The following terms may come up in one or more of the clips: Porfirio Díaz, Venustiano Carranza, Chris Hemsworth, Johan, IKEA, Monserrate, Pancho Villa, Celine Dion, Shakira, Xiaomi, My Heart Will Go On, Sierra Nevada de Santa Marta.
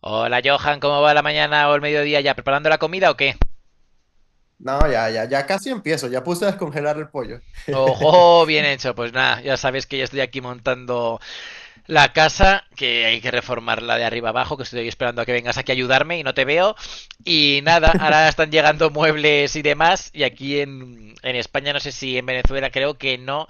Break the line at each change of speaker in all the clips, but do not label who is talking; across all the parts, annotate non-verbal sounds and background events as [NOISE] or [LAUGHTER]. Hola Johan, ¿cómo va la mañana o el mediodía ya? ¿Preparando la comida o qué?
No, ya, ya, ya casi empiezo. Ya puse a descongelar el pollo. [LAUGHS]
Ojo, bien hecho. Pues nada, ya sabes que ya estoy aquí montando la casa, que hay que reformarla de arriba abajo, que estoy esperando a que vengas aquí a ayudarme y no te veo. Y nada, ahora están llegando muebles y demás. Y aquí en España, no sé si en Venezuela, creo que no.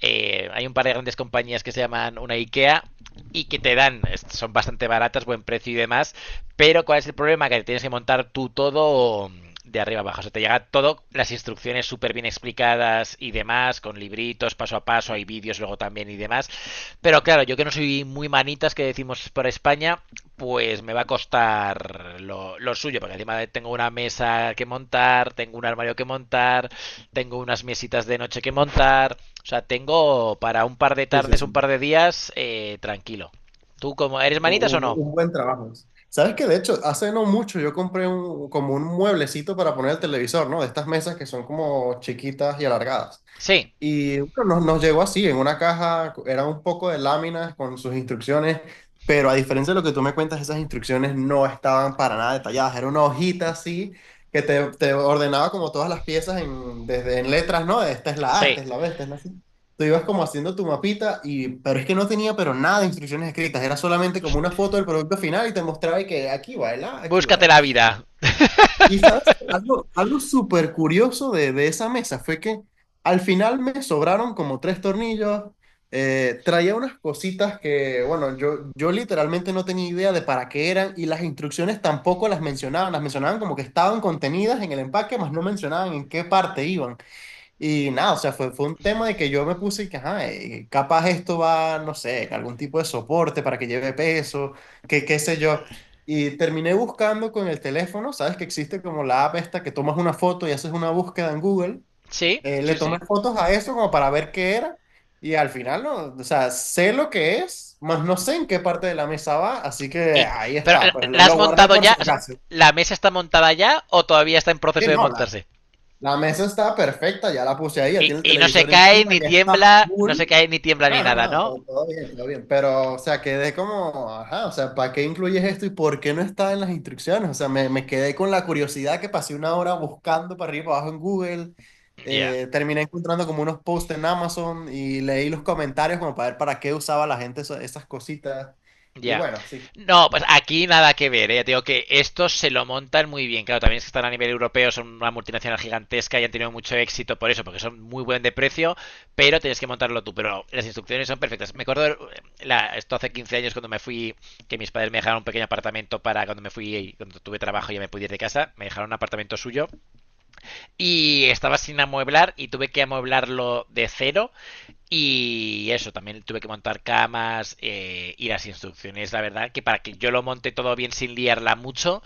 Hay un par de grandes compañías que se llaman una IKEA y que te dan, son bastante baratas, buen precio y demás. Pero ¿cuál es el problema? Que tienes que montar tú todo de arriba abajo. O sea, te llega todo, las instrucciones súper bien explicadas y demás, con libritos paso a paso, hay vídeos luego también y demás. Pero claro, yo que no soy muy manitas, que decimos por España, pues me va a costar lo suyo, porque encima tengo una mesa que montar, tengo un armario que montar, tengo unas mesitas de noche que montar. O sea, tengo para un par de
Sí, sí,
tardes,
sí.
un par de días, tranquilo. ¿Tú cómo, eres
Un,
manitas o
un-
no?
un buen trabajo. Sabes que de hecho, hace no mucho yo compré como un mueblecito para poner el televisor, ¿no? De estas mesas que son como chiquitas y alargadas.
Sí,
Y bueno, nos llegó así, en una caja, era un poco de láminas con sus instrucciones, pero a diferencia de lo que tú me cuentas, esas instrucciones no estaban para nada detalladas, era una hojita así que te ordenaba como todas las piezas desde en letras, ¿no? Esta es la A,
sí.
esta es la B, esta es la C. Tú ibas como haciendo tu mapita, pero es que no tenía pero nada de instrucciones escritas, era solamente como una foto del producto final y te mostraba y que aquí va el A, aquí
Búscate
va.
la vida.
Y sabes, algo súper curioso de esa mesa fue que al final me sobraron como tres tornillos. Traía unas cositas que, bueno, yo literalmente no tenía idea de para qué eran y las instrucciones tampoco las mencionaban, las mencionaban como que estaban contenidas en el empaque, mas no mencionaban en qué parte iban. Y nada, o sea, fue un tema de que yo me puse que, ajá, capaz esto va, no sé, algún tipo de soporte para que lleve peso, que qué sé yo. Y terminé buscando con el teléfono, sabes que existe como la app esta que tomas una foto y haces una búsqueda en Google.
Sí,
Le
sí,
tomé
sí.
fotos a eso como para ver qué era y al final, no, o sea, sé lo que es, más no sé en qué parte de la mesa va, así que
Y-
ahí
pero,
está, pues lo,
¿la has
lo guardé
montado
por si
ya? O sea,
acaso.
¿la mesa está montada ya o todavía está en proceso
Sí,
de
no, la,
montarse?
la mesa está perfecta, ya la puse ahí, ya tiene el
Y no se
televisor
cae
encima,
ni
ya está
tiembla,
full.
no se cae ni tiembla ni
No, no,
nada,
no,
¿no?
todo bien, todo bien. Pero, o sea, quedé como, ajá, o sea, ¿para qué incluyes esto y por qué no está en las instrucciones? O sea, me quedé con la curiosidad que pasé 1 hora buscando para arriba y para abajo en Google.
Ya, yeah,
Terminé encontrando como unos posts en Amazon y leí los comentarios como para ver para qué usaba la gente esas cositas.
ya.
Y
Yeah.
bueno, sí.
No, pues aquí nada que ver, ¿eh? Ya te digo que estos se lo montan muy bien. Claro, también es que están a nivel europeo, son una multinacional gigantesca y han tenido mucho éxito por eso, porque son muy buen de precio, pero tienes que montarlo tú. Pero las instrucciones son perfectas. Me acuerdo, esto hace 15 años cuando me fui, que mis padres me dejaron un pequeño apartamento para cuando me fui, cuando tuve trabajo y ya me pude ir de casa, me dejaron un apartamento suyo y estaba sin amueblar y tuve que amueblarlo de cero. Y eso, también tuve que montar camas, y las instrucciones, la verdad, que para que yo lo monte todo bien sin liarla mucho,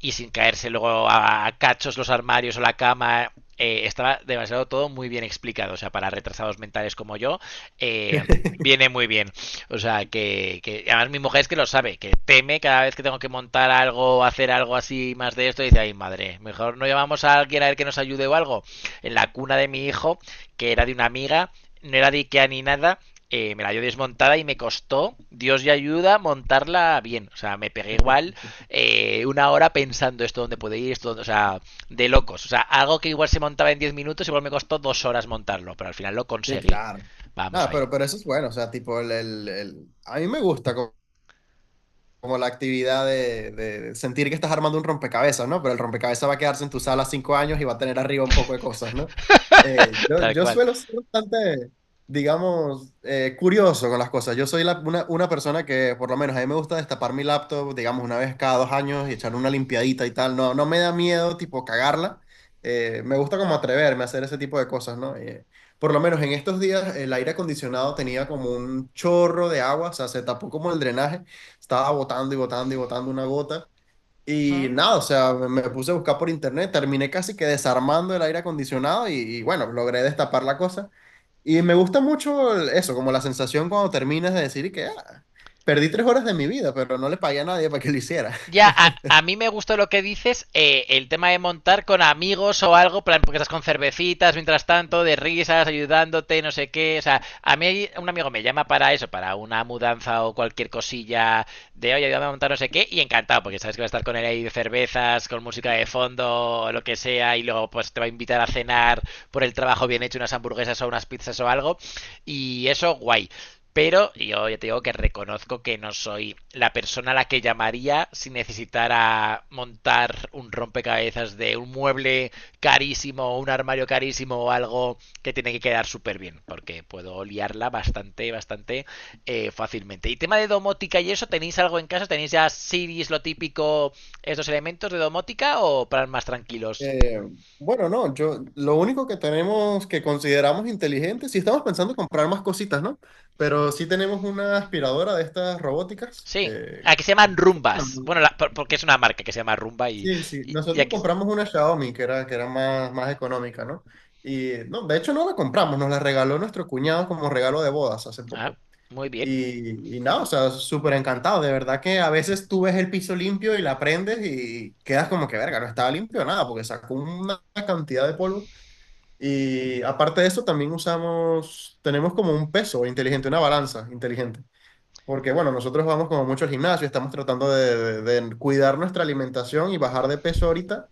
y sin caerse luego a cachos los armarios o la cama. Estaba demasiado todo muy bien explicado. O sea, para retrasados mentales como yo, eh,
[LAUGHS]
viene muy bien. O sea, que, además mi mujer es que lo sabe, que teme cada vez que tengo que montar algo, hacer algo así más de esto, y dice, ay madre, mejor no llamamos a alguien a ver que nos ayude o algo. En la cuna de mi hijo, que era de una amiga, no era de Ikea ni nada, me la dio desmontada y me costó, Dios y ayuda, montarla bien. O sea, me pegué igual 1 hora pensando esto dónde puede ir, esto dónde, o sea, de locos. O sea, algo que igual se montaba en 10 minutos, igual me costó 2 horas montarlo, pero al final lo
Sí,
conseguí.
claro.
Vamos
Nada,
ahí,
pero eso es bueno, o sea, tipo, a mí me gusta como la actividad de sentir que estás armando un rompecabezas, ¿no? Pero el rompecabezas va a quedarse en tu sala 5 años y va a tener arriba un poco de cosas, ¿no? Eh,
[LAUGHS]
yo,
tal
yo
cual.
suelo ser bastante, digamos, curioso con las cosas. Yo soy una persona que, por lo menos, a mí me gusta destapar mi laptop, digamos, una vez cada 2 años y echar una limpiadita y tal. No, no me da miedo, tipo, cagarla. Me gusta como atreverme a hacer ese tipo de cosas, ¿no? Por lo menos en estos días el aire acondicionado tenía como un chorro de agua, o sea, se tapó como el drenaje estaba botando y botando y botando una gota.
¿Mm?
Y nada, o sea, me puse a buscar por internet, terminé casi que desarmando el aire acondicionado y bueno, logré destapar la cosa. Y me gusta mucho eso, como la sensación cuando terminas de decir que "Ah, perdí 3 horas de mi vida, pero no le pagué a nadie para que lo hiciera". [LAUGHS]
Ya, a mí me gustó lo que dices, el tema de montar con amigos o algo, plan, porque estás con cervecitas mientras tanto, de risas, ayudándote, no sé qué. O sea, a mí un amigo me llama para eso, para una mudanza o cualquier cosilla de, oye, ayúdame a montar no sé qué, y encantado, porque sabes que va a estar con él ahí de cervezas, con música de fondo, o lo que sea, y luego pues te va a invitar a cenar por el trabajo bien hecho, unas hamburguesas o unas pizzas o algo. Y eso, guay. Pero yo ya te digo que reconozco que no soy la persona a la que llamaría si necesitara montar un rompecabezas de un mueble carísimo, un armario carísimo o algo que tiene que quedar súper bien, porque puedo liarla bastante, bastante, fácilmente. Y tema de domótica y eso, ¿tenéis algo en casa? ¿Tenéis ya series, lo típico, estos elementos de domótica o plan más tranquilos?
Eh, bueno, no, yo lo único que tenemos que consideramos inteligente, si estamos pensando en comprar más cositas, ¿no? Pero sí tenemos una aspiradora de estas robóticas
Sí.
que.
Aquí se llaman rumbas. Bueno, porque es una marca que se llama rumba y,
Sí, sí.
y
Nosotros
aquí.
compramos una Xiaomi que era, más económica, ¿no? Y no, de hecho no la compramos, nos la regaló nuestro cuñado como regalo de bodas hace
Ah,
poco.
muy bien.
Y nada, o sea, súper encantado. De verdad que a veces tú ves el piso limpio y la prendes y quedas como que, verga, no estaba limpio nada porque sacó una cantidad de polvo. Y aparte de eso, también usamos, tenemos como un peso inteligente, una balanza inteligente. Porque bueno, nosotros vamos como mucho al gimnasio, estamos tratando de cuidar nuestra alimentación y bajar de peso ahorita.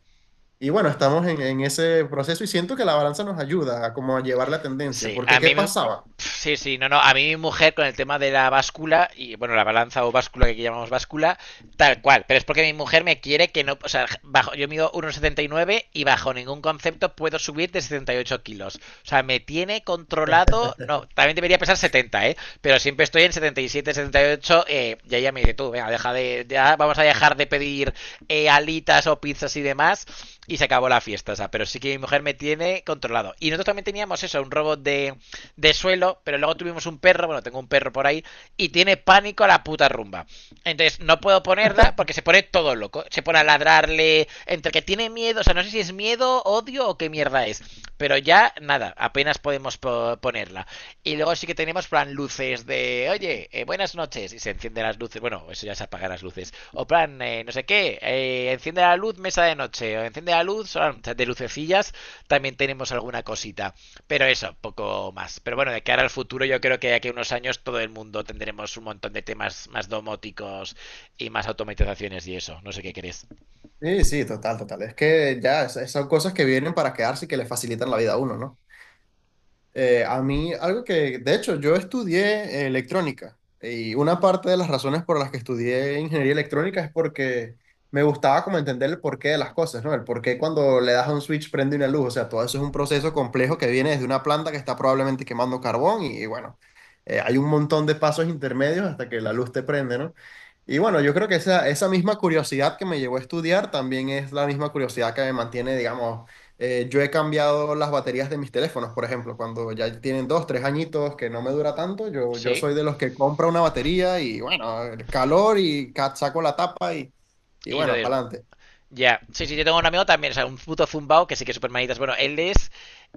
Y bueno, estamos en ese proceso y siento que la balanza nos ayuda a como a llevar la tendencia,
Sí,
porque
a
¿qué
mí me-.
pasaba?
Sí, sí, no, no. A mí mi mujer con el tema de la báscula, y bueno, la balanza o báscula que aquí llamamos báscula, tal cual. Pero es porque mi mujer me quiere que no. O sea, bajo, yo mido uno 79 y bajo ningún concepto puedo subir de 78 kilos. O sea, me tiene controlado. No, también debería pesar 70, ¿eh? Pero siempre estoy en setenta y 78. Y ella me dice, tú, venga, deja de. Ya vamos a dejar de pedir alitas o pizzas y demás, y se acabó la fiesta. O sea, pero sí que mi mujer me tiene controlado. Y nosotros también teníamos eso, un robot de suelo, pero luego tuvimos un perro, bueno, tengo un perro por ahí, y tiene pánico a la puta rumba. Entonces, no puedo ponerla porque se pone todo loco. Se pone a ladrarle, entre que tiene miedo, o sea, no sé si es miedo, odio o qué mierda es. Pero ya, nada, apenas podemos ponerla. Y luego sí que tenemos plan luces de, oye, buenas noches, y se encienden las luces, bueno, eso ya se apagan las luces. O plan, no sé qué, enciende la luz, mesa de noche, o enciende la luz, de lucecillas, también tenemos alguna cosita. Pero eso, poco más. Pero bueno, de cara al futuro, yo creo que de aquí a unos años todo el mundo tendremos un montón de temas más domóticos y más automatizaciones y eso. No sé qué querés.
Sí, sí, total, total. Es que ya son cosas que vienen para quedarse y que le facilitan la vida a uno, ¿no? A mí, algo que, de hecho, yo estudié electrónica y una parte de las razones por las que estudié ingeniería electrónica es porque me gustaba como entender el porqué de las cosas, ¿no? El porqué cuando le das a un switch prende una luz, o sea, todo eso es un proceso complejo que viene desde una planta que está probablemente quemando carbón y bueno, hay un montón de pasos intermedios hasta que la luz te prende, ¿no? Y bueno, yo creo que esa misma curiosidad que me llevó a estudiar también es la misma curiosidad que me mantiene, digamos. Yo he cambiado las baterías de mis teléfonos, por ejemplo, cuando ya tienen 2, 3 añitos que no me dura tanto, yo
Sí.
soy de los que compra una batería y bueno, el calor y saco la tapa y
Y lo
bueno,
de.
para adelante.
Ya, sí, sí, yo tengo un amigo también, o sea, un puto zumbao que sí que es súper manitas. Bueno, él es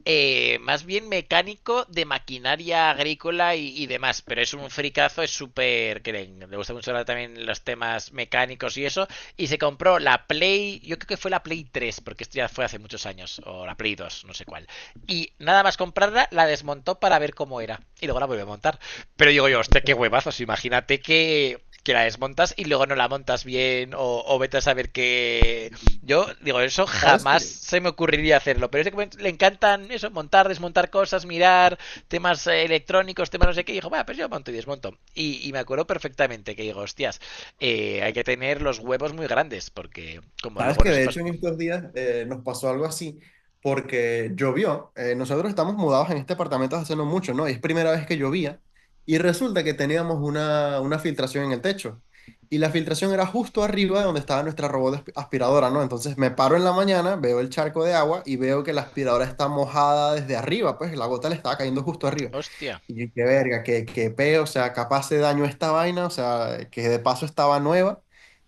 más bien mecánico de maquinaria agrícola y demás, pero es un fricazo, es súper, que le gusta mucho hablar también los temas mecánicos y eso, y se compró la Play, yo creo que fue la Play 3, porque esto ya fue hace muchos años, o la Play 2, no sé cuál. Y nada más comprarla, la desmontó para ver cómo era, y luego la volvió a montar. Pero digo yo, hostia, qué huevazos, imagínate que la desmontas y luego no la montas bien o vete a saber que yo digo eso
¿Sabes
jamás
qué?
se me ocurriría hacerlo, pero es que le encantan eso, montar, desmontar cosas, mirar temas electrónicos, temas no sé qué, y dijo va, pues yo monto y desmonto, y me acuerdo perfectamente que digo hostias, hay que tener los huevos muy grandes porque como
Sabes
luego no
que de hecho
sepas.
en estos días nos pasó algo así porque llovió. Nosotros estamos mudados en este apartamento hace no mucho, ¿no? Y es primera vez que llovía y resulta que teníamos una filtración en el techo y la filtración era justo arriba de donde estaba nuestra robot aspiradora, ¿no? Entonces me paro en la mañana, veo el charco de agua y veo que la aspiradora está mojada desde arriba, pues la gota le estaba cayendo justo arriba.
Hostia,
Y qué verga, qué peo, o sea, capaz se dañó esta vaina, o sea, que de paso estaba nueva.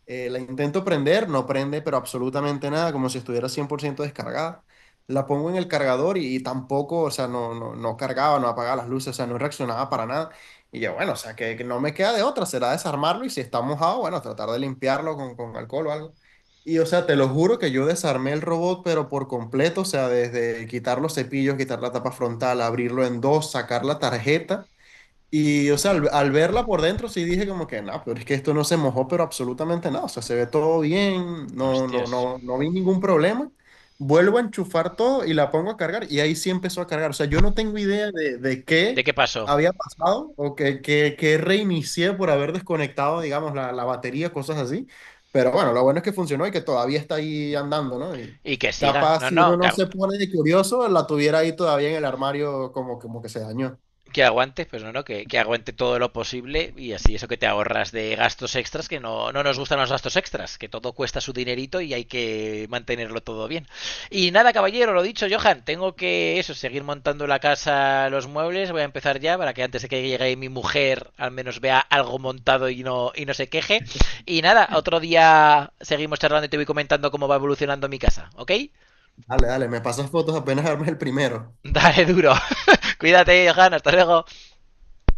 La intento prender, no prende, pero absolutamente nada, como si estuviera 100% descargada. La pongo en el cargador y tampoco, o sea, no, no, no cargaba, no apagaba las luces, o sea, no reaccionaba para nada. Y yo, bueno, o sea, que no me queda de otra, será desarmarlo y si está mojado, bueno, tratar de limpiarlo con alcohol o algo. Y o sea, te lo juro que yo desarmé el robot, pero por completo, o sea, desde quitar los cepillos, quitar la tapa frontal, abrirlo en dos, sacar la tarjeta y, o sea, al verla por dentro sí dije como que, no, pero es que esto no se mojó, pero absolutamente nada. O sea, se ve todo bien, no, no,
hostias,
no, no vi ningún problema. Vuelvo a enchufar todo y la pongo a cargar y ahí sí empezó a cargar. O sea, yo no tengo idea de
de
qué
qué pasó.
había pasado o que reinicié por haber desconectado, digamos, la batería, cosas así. Pero bueno, lo bueno es que funcionó y que todavía está ahí andando, ¿no? Y
Y que siga,
capaz
no,
si
no,
uno no
claro,
se pone de curioso, la tuviera ahí todavía en el armario como que se dañó.
que aguantes, pues no, no, que, aguante todo lo posible y así eso que te ahorras de gastos extras, que no, no nos gustan los gastos extras, que todo cuesta su dinerito y hay que mantenerlo todo bien. Y nada, caballero, lo dicho, Johan, tengo que eso, seguir montando la casa, los muebles, voy a empezar ya para que antes de que llegue mi mujer al menos vea algo montado y no se queje. Y nada, otro día seguimos charlando y te voy comentando cómo va evolucionando mi casa, ¿ok?
Dale, dale, me pasas fotos apenas armes el primero.
Dale duro. [LAUGHS] Cuídate, Johan, hasta luego.